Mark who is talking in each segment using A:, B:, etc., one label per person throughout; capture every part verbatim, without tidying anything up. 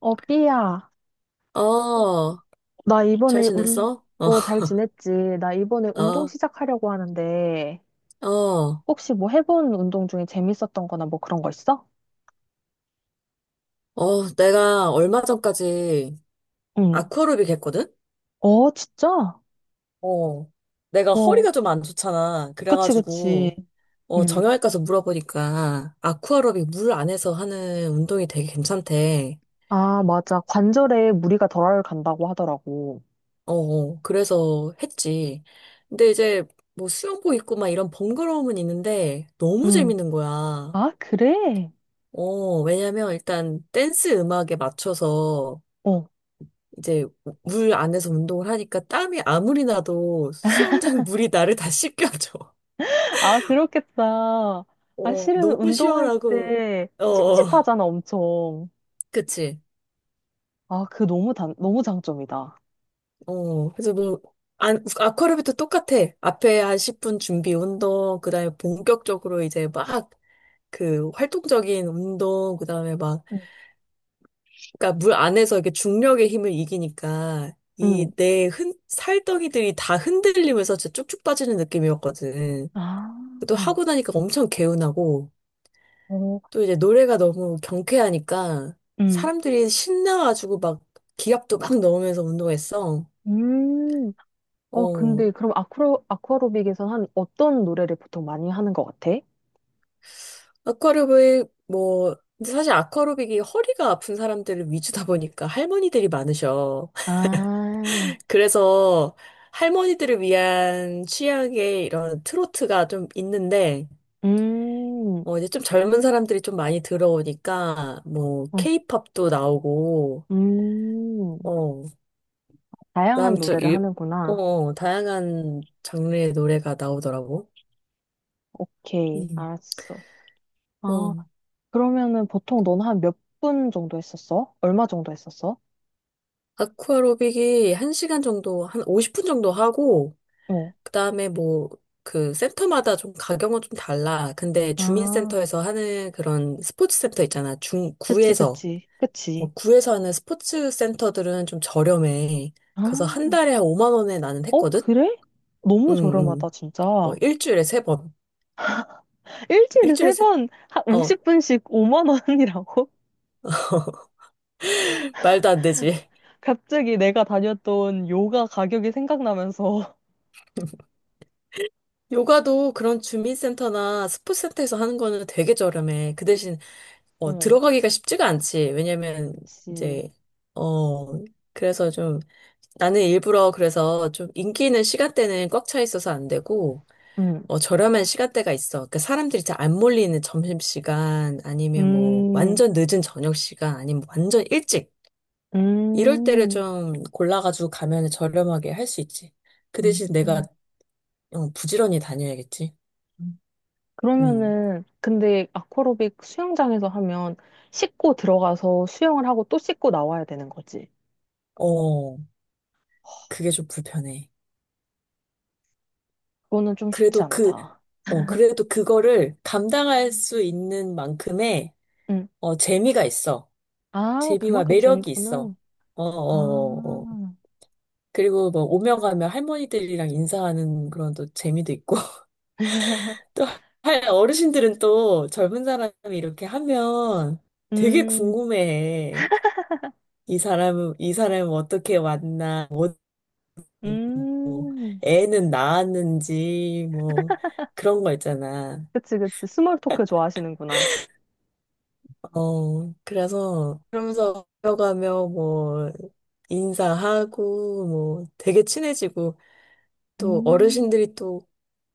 A: 어, 삐야.
B: 어,
A: 나
B: 잘
A: 이번에 운,
B: 지냈어? 어,
A: 어, 잘 지냈지? 나 이번에 운동
B: 어,
A: 시작하려고 하는데,
B: 어,
A: 혹시 뭐 해본 운동 중에 재밌었던 거나 뭐 그런 거 있어?
B: 어, 내가 얼마 전까지
A: 응.
B: 아쿠아로빅 했거든?
A: 어, 진짜?
B: 어, 내가
A: 와,
B: 허리가 좀 안 좋잖아.
A: 그치, 그치.
B: 그래가지고, 어,
A: 응.
B: 정형외과 가서 물어보니까 아쿠아로빅 물 안에서 하는 운동이 되게 괜찮대.
A: 아, 맞아. 관절에 무리가 덜 간다고 하더라고.
B: 어, 어, 그래서 했지. 근데 이제 뭐 수영복 입고 막 이런 번거로움은 있는데 너무
A: 응.
B: 재밌는 거야.
A: 아, 그래?
B: 어, 왜냐면 일단 댄스 음악에 맞춰서
A: 어.
B: 이제 물 안에서 운동을 하니까 땀이 아무리 나도 수영장 물이 나를 다 씻겨줘.
A: 아, 그렇겠다. 아,
B: 어,
A: 실은
B: 너무
A: 운동할
B: 시원하고,
A: 때
B: 어, 어,
A: 찝찝하잖아, 엄청.
B: 그치.
A: 아, 그 너무 단, 너무 장점이다.
B: 어, 그래서 뭐, 안, 아쿠아로빅도 똑같아. 앞에 한 십 분 준비 운동, 그 다음에 본격적으로 이제 막, 그 활동적인 운동, 그 다음에 막,
A: 응.
B: 그러니까 물 안에서 이렇게 중력의 힘을 이기니까, 이
A: 응.
B: 내 흔, 살덩이들이 다 흔들리면서 진짜 쭉쭉 빠지는 느낌이었거든.
A: 아.
B: 또 하고 나니까 엄청 개운하고,
A: 어,
B: 또 이제 노래가 너무 경쾌하니까
A: 음.
B: 사람들이 신나가지고 막 기합도 막 넣으면서 운동했어.
A: 음. 어,
B: 어,
A: 근데 그럼 아쿠로, 아쿠아로빅에서 한 어떤 노래를 보통 많이 하는 것 같아?
B: 아쿠아로빅, 뭐, 근데 사실 아쿠아로빅이 허리가 아픈 사람들을 위주다 보니까 할머니들이 많으셔.
A: 아,
B: 그래서 할머니들을 위한 취향의 이런 트로트가 좀 있는데,
A: 음,
B: 어, 이제 좀 젊은 사람들이 좀 많이 들어오니까, 뭐,
A: 어,
B: 케이팝도 나오고,
A: 음.
B: 어,
A: 다양한
B: 그다음 좀
A: 노래를
B: 일, 어,
A: 하는구나.
B: 어, 다양한 장르의 노래가 나오더라고.
A: 오케이,
B: 음.
A: 알았어.
B: 어.
A: 아, 그러면은 보통 넌 한 몇 분 정도 했었어? 얼마 정도 했었어?
B: 아쿠아로빅이 한 시간 정도, 한 오십 분 정도 하고,
A: 어,
B: 그다음에 뭐, 그 센터마다 좀 가격은 좀 달라. 근데
A: 아,
B: 주민센터에서 하는 그런 스포츠 센터 있잖아. 중,
A: 그치,
B: 구에서.
A: 그치. 그치.
B: 어, 구에서 하는 스포츠 센터들은 좀 저렴해.
A: 아,
B: 그래서 한 달에 한 오만 원에 나는
A: 어,
B: 했거든?
A: 그래? 너무
B: 응,
A: 저렴하다,
B: 응. 어,
A: 진짜.
B: 일주일에 세 번.
A: 일주일에
B: 일주일에
A: 세
B: 세,
A: 번, 한
B: 어,
A: 오십 분씩 오만 원이라고?
B: 말도 안 되지.
A: 갑자기 내가 다녔던 요가 가격이 생각나면서.
B: 요가도 그런 주민센터나 스포츠센터에서 하는 거는 되게 저렴해. 그 대신, 어,
A: 어,
B: 들어가기가 쉽지가 않지. 왜냐면,
A: 그치.
B: 이제, 어, 그래서 좀, 나는 일부러 그래서 좀 인기 있는 시간대는 꽉 차 있어서 안 되고,
A: 음,
B: 어, 저렴한 시간대가 있어. 그러니까 사람들이 잘 안 몰리는 점심시간, 아니면 뭐,
A: 음,
B: 완전 늦은 저녁시간, 아니면 완전 일찍. 이럴 때를
A: 음.
B: 좀 골라가지고 가면 저렴하게 할 수 있지. 그
A: 음,
B: 대신 내가,
A: 음.
B: 어, 부지런히 다녀야겠지. 음.
A: 그러면은, 근데 아쿠아로빅 수영장에서 하면 씻고 들어가서 수영을 하고 또 씻고 나와야 되는 거지.
B: 어. 그게 좀 불편해.
A: 그거는 좀 쉽지
B: 그래도 그,
A: 않다.
B: 어, 그래도 그거를 감당할 수 있는 만큼의,
A: 응.
B: 어, 재미가 있어.
A: 아,
B: 재미와
A: 그만큼
B: 매력이
A: 재밌구나.
B: 있어. 어, 어, 어, 어.
A: 아,
B: 그리고 뭐, 오며 가며 할머니들이랑 인사하는 그런 또 재미도 있고, 또, 할 어르신들은 또 젊은 사람이 이렇게 하면 되게
A: 음,
B: 궁금해해. 이 사람은, 이 사람은 어떻게 왔나, 뭐,
A: 음.
B: 애는 낳았는지, 뭐, 그런 거 있잖아.
A: 그치, 그치. 스몰 토크 좋아하시는구나.
B: 어, 그래서 그러면서 걸어가며 뭐 인사하고 뭐 되게 친해지고 또
A: 음.
B: 어르신들이 또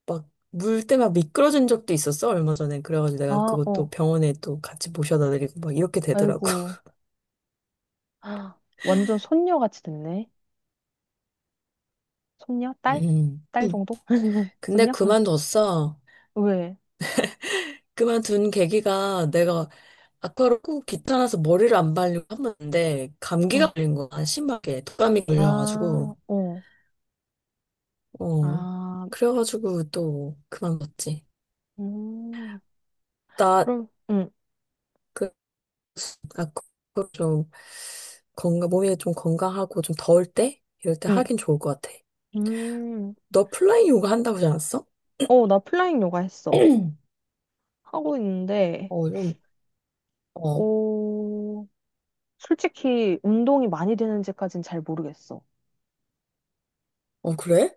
B: 막 물 때 막 미끄러진 적도 있었어 얼마 전에 그래가지고 내가
A: 아, 어.
B: 그것도 병원에 또 같이 모셔다 드리고 막 이렇게 되더라고.
A: 아이고. 아, 완전 손녀같이 됐네. 손녀? 딸?
B: 음.
A: 딸 정도?
B: 근데
A: 손녀?
B: 그만뒀어.
A: 왜?
B: 그만둔 계기가 내가 아까로 꼭 귀찮아서 머리를 안 말리고 한번데
A: 어.
B: 감기가 걸린 거야 심하게 독감이 걸려가지고
A: 아, 어.
B: 어
A: 아,
B: 그래가지고 또 그만뒀지.
A: 음.
B: 나,
A: 그럼, 응,
B: 그, 아, 그, 그좀 건강, 몸이 좀 건강하고 좀 더울 때? 이럴 때
A: 응.
B: 하긴 좋을 것 같아.
A: 음.
B: 너 플라잉 요가 한다고 하지 않았어?
A: 어, 나 플라잉 요가 했어. 하고 있는데,
B: 어, 좀, 어,
A: 어, 솔직히 운동이 많이 되는지까진 잘 모르겠어.
B: 어, 그래?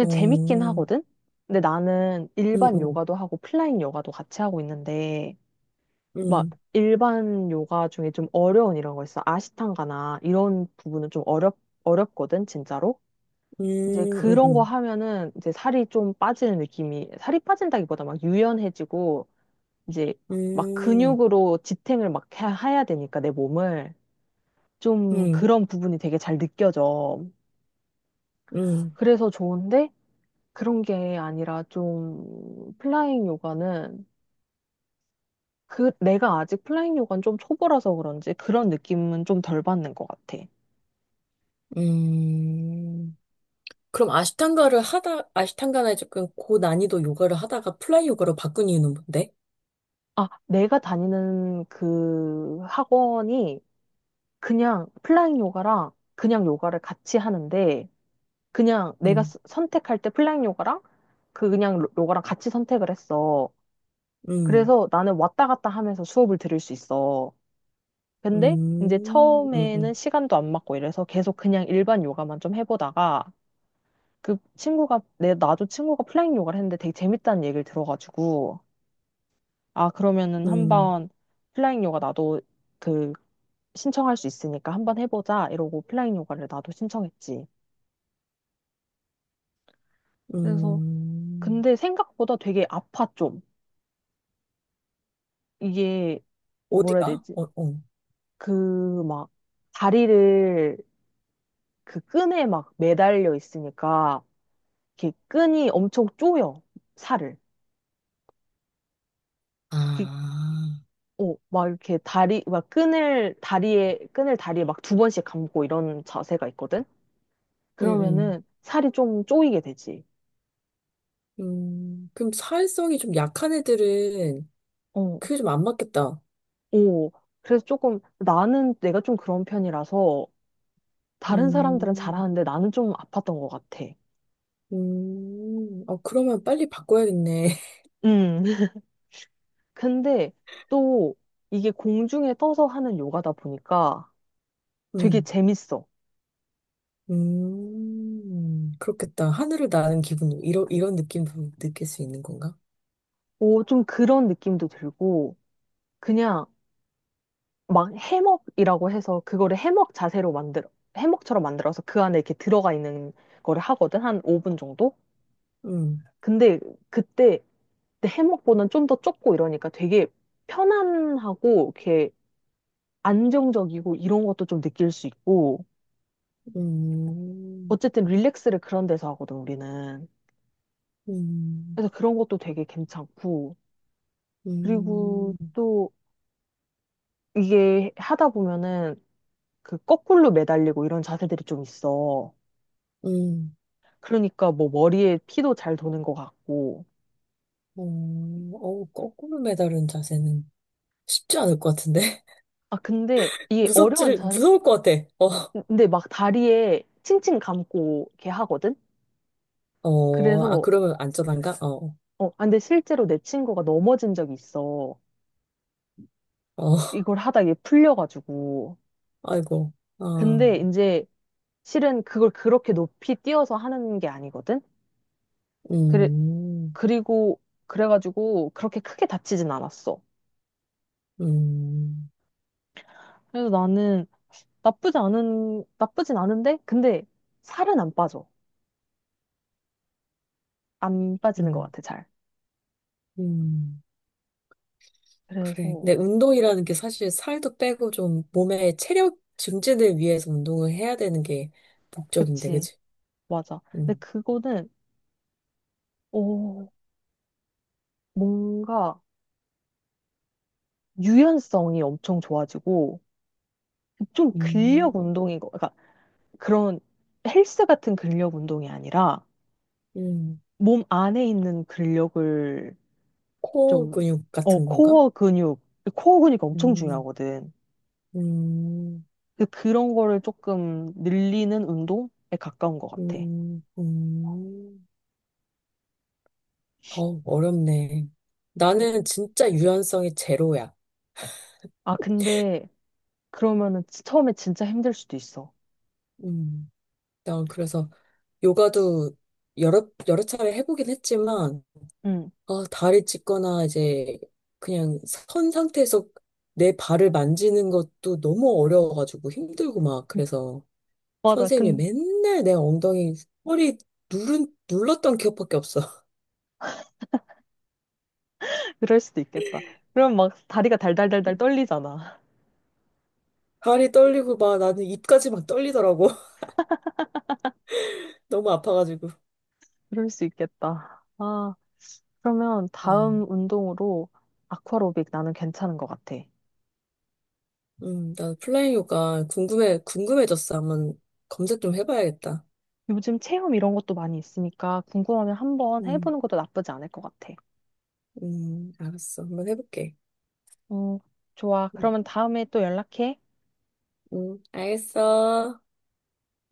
B: 어,
A: 재밌긴
B: 음,
A: 하거든? 근데 나는 일반
B: 음,
A: 요가도 하고 플라잉 요가도 같이 하고 있는데, 막
B: 음,
A: 일반 요가 중에 좀 어려운 이런 거 있어. 아시탄가나 이런 부분은 좀 어렵, 어렵거든, 진짜로. 이제
B: 음,
A: 그런 거
B: 음,
A: 하면은 이제 살이 좀 빠지는 느낌이, 살이 빠진다기보다 막 유연해지고, 이제 막
B: 음,
A: 근육으로 지탱을 막 해- 해야 되니까 내 몸을. 좀
B: 음,
A: 그런 부분이 되게 잘 느껴져.
B: 음,
A: 그래서 좋은데 그런 게 아니라 좀 플라잉 요가는 그 내가 아직 플라잉 요가는 좀 초보라서 그런지 그런 느낌은 좀 덜 받는 것 같아.
B: 음. 그럼 아시탄가를 하다, 아시탄가나 조금 고난이도 요가를 하다가 플라잉 요가로 바꾼 이유는 뭔데?
A: 아, 내가 다니는 그 학원이 그냥 플라잉 요가랑 그냥 요가를 같이 하는데 그냥 내가
B: 음,
A: 스- 선택할 때 플라잉 요가랑 그 그냥 로- 요가랑 같이 선택을 했어.
B: 음,
A: 그래서 나는 왔다 갔다 하면서 수업을 들을 수 있어. 근데 이제
B: 음, 음,
A: 처음에는
B: 음,
A: 시간도 안 맞고 이래서 계속 그냥 일반 요가만 좀 해보다가 그 친구가 내 나도 친구가 플라잉 요가를 했는데 되게 재밌다는 얘기를 들어가지고 아 그러면은
B: 음.
A: 한번 플라잉 요가 나도 그... 신청할 수 있으니까 한번 해보자 이러고 오프라인 요가를 나도 신청했지. 그래서
B: 음.
A: 근데 생각보다 되게 아파 좀. 이게 뭐라 해야
B: 어디가?
A: 되지?
B: 어, 어.
A: 그 막 다리를 그 끈에 막 매달려 있으니까 이렇게 끈이 엄청 쪼여 살을.
B: 아,
A: 그- 어, 막 이렇게 다리 막 끈을 다리에 끈을 다리에 막 두 번씩 감고 이런 자세가 있거든.
B: 음, 음.
A: 그러면은 살이 좀 쪼이게 되지.
B: 음, 그럼 사회성이 좀 약한 애들은
A: 어,
B: 그게 좀 안 맞겠다.
A: 오. 그래서 조금 나는 내가 좀 그런 편이라서 다른 사람들은
B: 음,
A: 잘하는데 나는 좀 아팠던 것 같아.
B: 음, 어, 그러면 빨리 바꿔야겠네.
A: 음, 근데 또 이게 공중에 떠서 하는 요가다 보니까 되게
B: 음,
A: 재밌어.
B: 음, 그렇겠다. 하늘을 나는 기분, 이런, 이런 느낌도 느낄 수 있는 건가?
A: 오, 좀 그런 느낌도 들고 그냥 막 해먹이라고 해서 그거를 해먹 자세로 만들어 해먹처럼 만들어서 그 안에 이렇게 들어가 있는 거를 하거든 한 오 분 정도.
B: 음,
A: 근데 그때 내 해먹보다는 좀 더 좁고 이러니까 되게 편안하고 이렇게 안정적이고 이런 것도 좀 느낄 수 있고
B: 음,
A: 어쨌든 릴렉스를 그런 데서 하거든, 우리는.
B: 음,
A: 그래서 그런 것도 되게 괜찮고. 그리고
B: 음,
A: 또 이게 하다 보면은 그 거꾸로 매달리고 이런 자세들이 좀 있어.
B: 음,
A: 그러니까 뭐 머리에 피도 잘 도는 것 같고.
B: 어, 어, 거꾸로 매달은 자세는 쉽지 않을 것 같은데.
A: 아, 근데 이게 어려운
B: 무섭지를,
A: 자세,
B: 무서울 것 같아.
A: 근데 막 다리에 칭칭 감고 이렇게 하거든?
B: 어, 어, 아,
A: 그래서,
B: 그러면 안전한가? 어,
A: 어, 아, 근데 실제로 내 친구가 넘어진 적이 있어.
B: 어,
A: 이걸 하다 이게 풀려가지고.
B: 아이고, 아,
A: 근데 이제 실은 그걸 그렇게 높이 뛰어서 하는 게 아니거든? 그래,
B: 음,
A: 그리고, 그래가지고 그렇게 크게 다치진 않았어.
B: 음,
A: 그래서 나는 나쁘지 않은, 나쁘진 않은데, 근데 살은 안 빠져. 안 빠지는 것
B: 음,
A: 같아, 잘.
B: 음, 그래.
A: 그래서,
B: 근데 운동이라는 게 사실 살도 빼고 좀 몸의 체력 증진을 위해서 운동을 해야 되는 게 목적인데,
A: 그치,
B: 그치?
A: 맞아. 근데
B: 음,
A: 그거는, 어, 뭔가 유연성이 엄청 좋아지고, 좀 근력
B: 음,
A: 운동인 거, 그러니까 그런 헬스 같은 근력 운동이 아니라,
B: 음,
A: 몸 안에 있는 근력을
B: 코어
A: 좀,
B: 근육
A: 어,
B: 같은 건가?
A: 코어 근육, 코어 근육이 엄청
B: 음,
A: 중요하거든.
B: 음,
A: 그- 그런 거를 조금 늘리는 운동에 가까운 것 같아.
B: 음, 음. 어, 어렵네. 나는 진짜 유연성이 제로야.
A: 아, 근데 그러면은 지- 처음에 진짜 힘들 수도 있어.
B: 음. 난 그래서 요가도 여러, 여러 차례 해보긴 했지만,
A: 응.
B: 아, 다리 찢거나 이제 그냥 선 상태에서 내 발을 만지는 것도 너무 어려워가지고 힘들고 막 그래서
A: 맞아.
B: 선생님이
A: 근
B: 맨날 내 엉덩이, 허리 누른, 눌렀던 기억밖에 없어.
A: 그럴 수도 있겠다. 그럼 막 다리가 달달달달 떨리잖아.
B: 다리 떨리고 막 나는 입까지 막 떨리더라고. 너무 아파가지고.
A: 그럴 수 있겠다. 아, 그러면
B: 어,
A: 다음 운동으로 아쿠아로빅 나는 괜찮은 것 같아.
B: 음, 나 플라잉 요가 궁금해, 궁금해졌어. 한번 검색 좀 해봐야겠다.
A: 요즘 체험 이런 것도 많이 있으니까 궁금하면 한번
B: 음,
A: 해보는 것도 나쁘지 않을 것 같아.
B: 음, 알았어. 한번 해볼게.
A: 어, 좋아.
B: 음,
A: 그러면 다음에 또 연락해.
B: 음, 알겠어.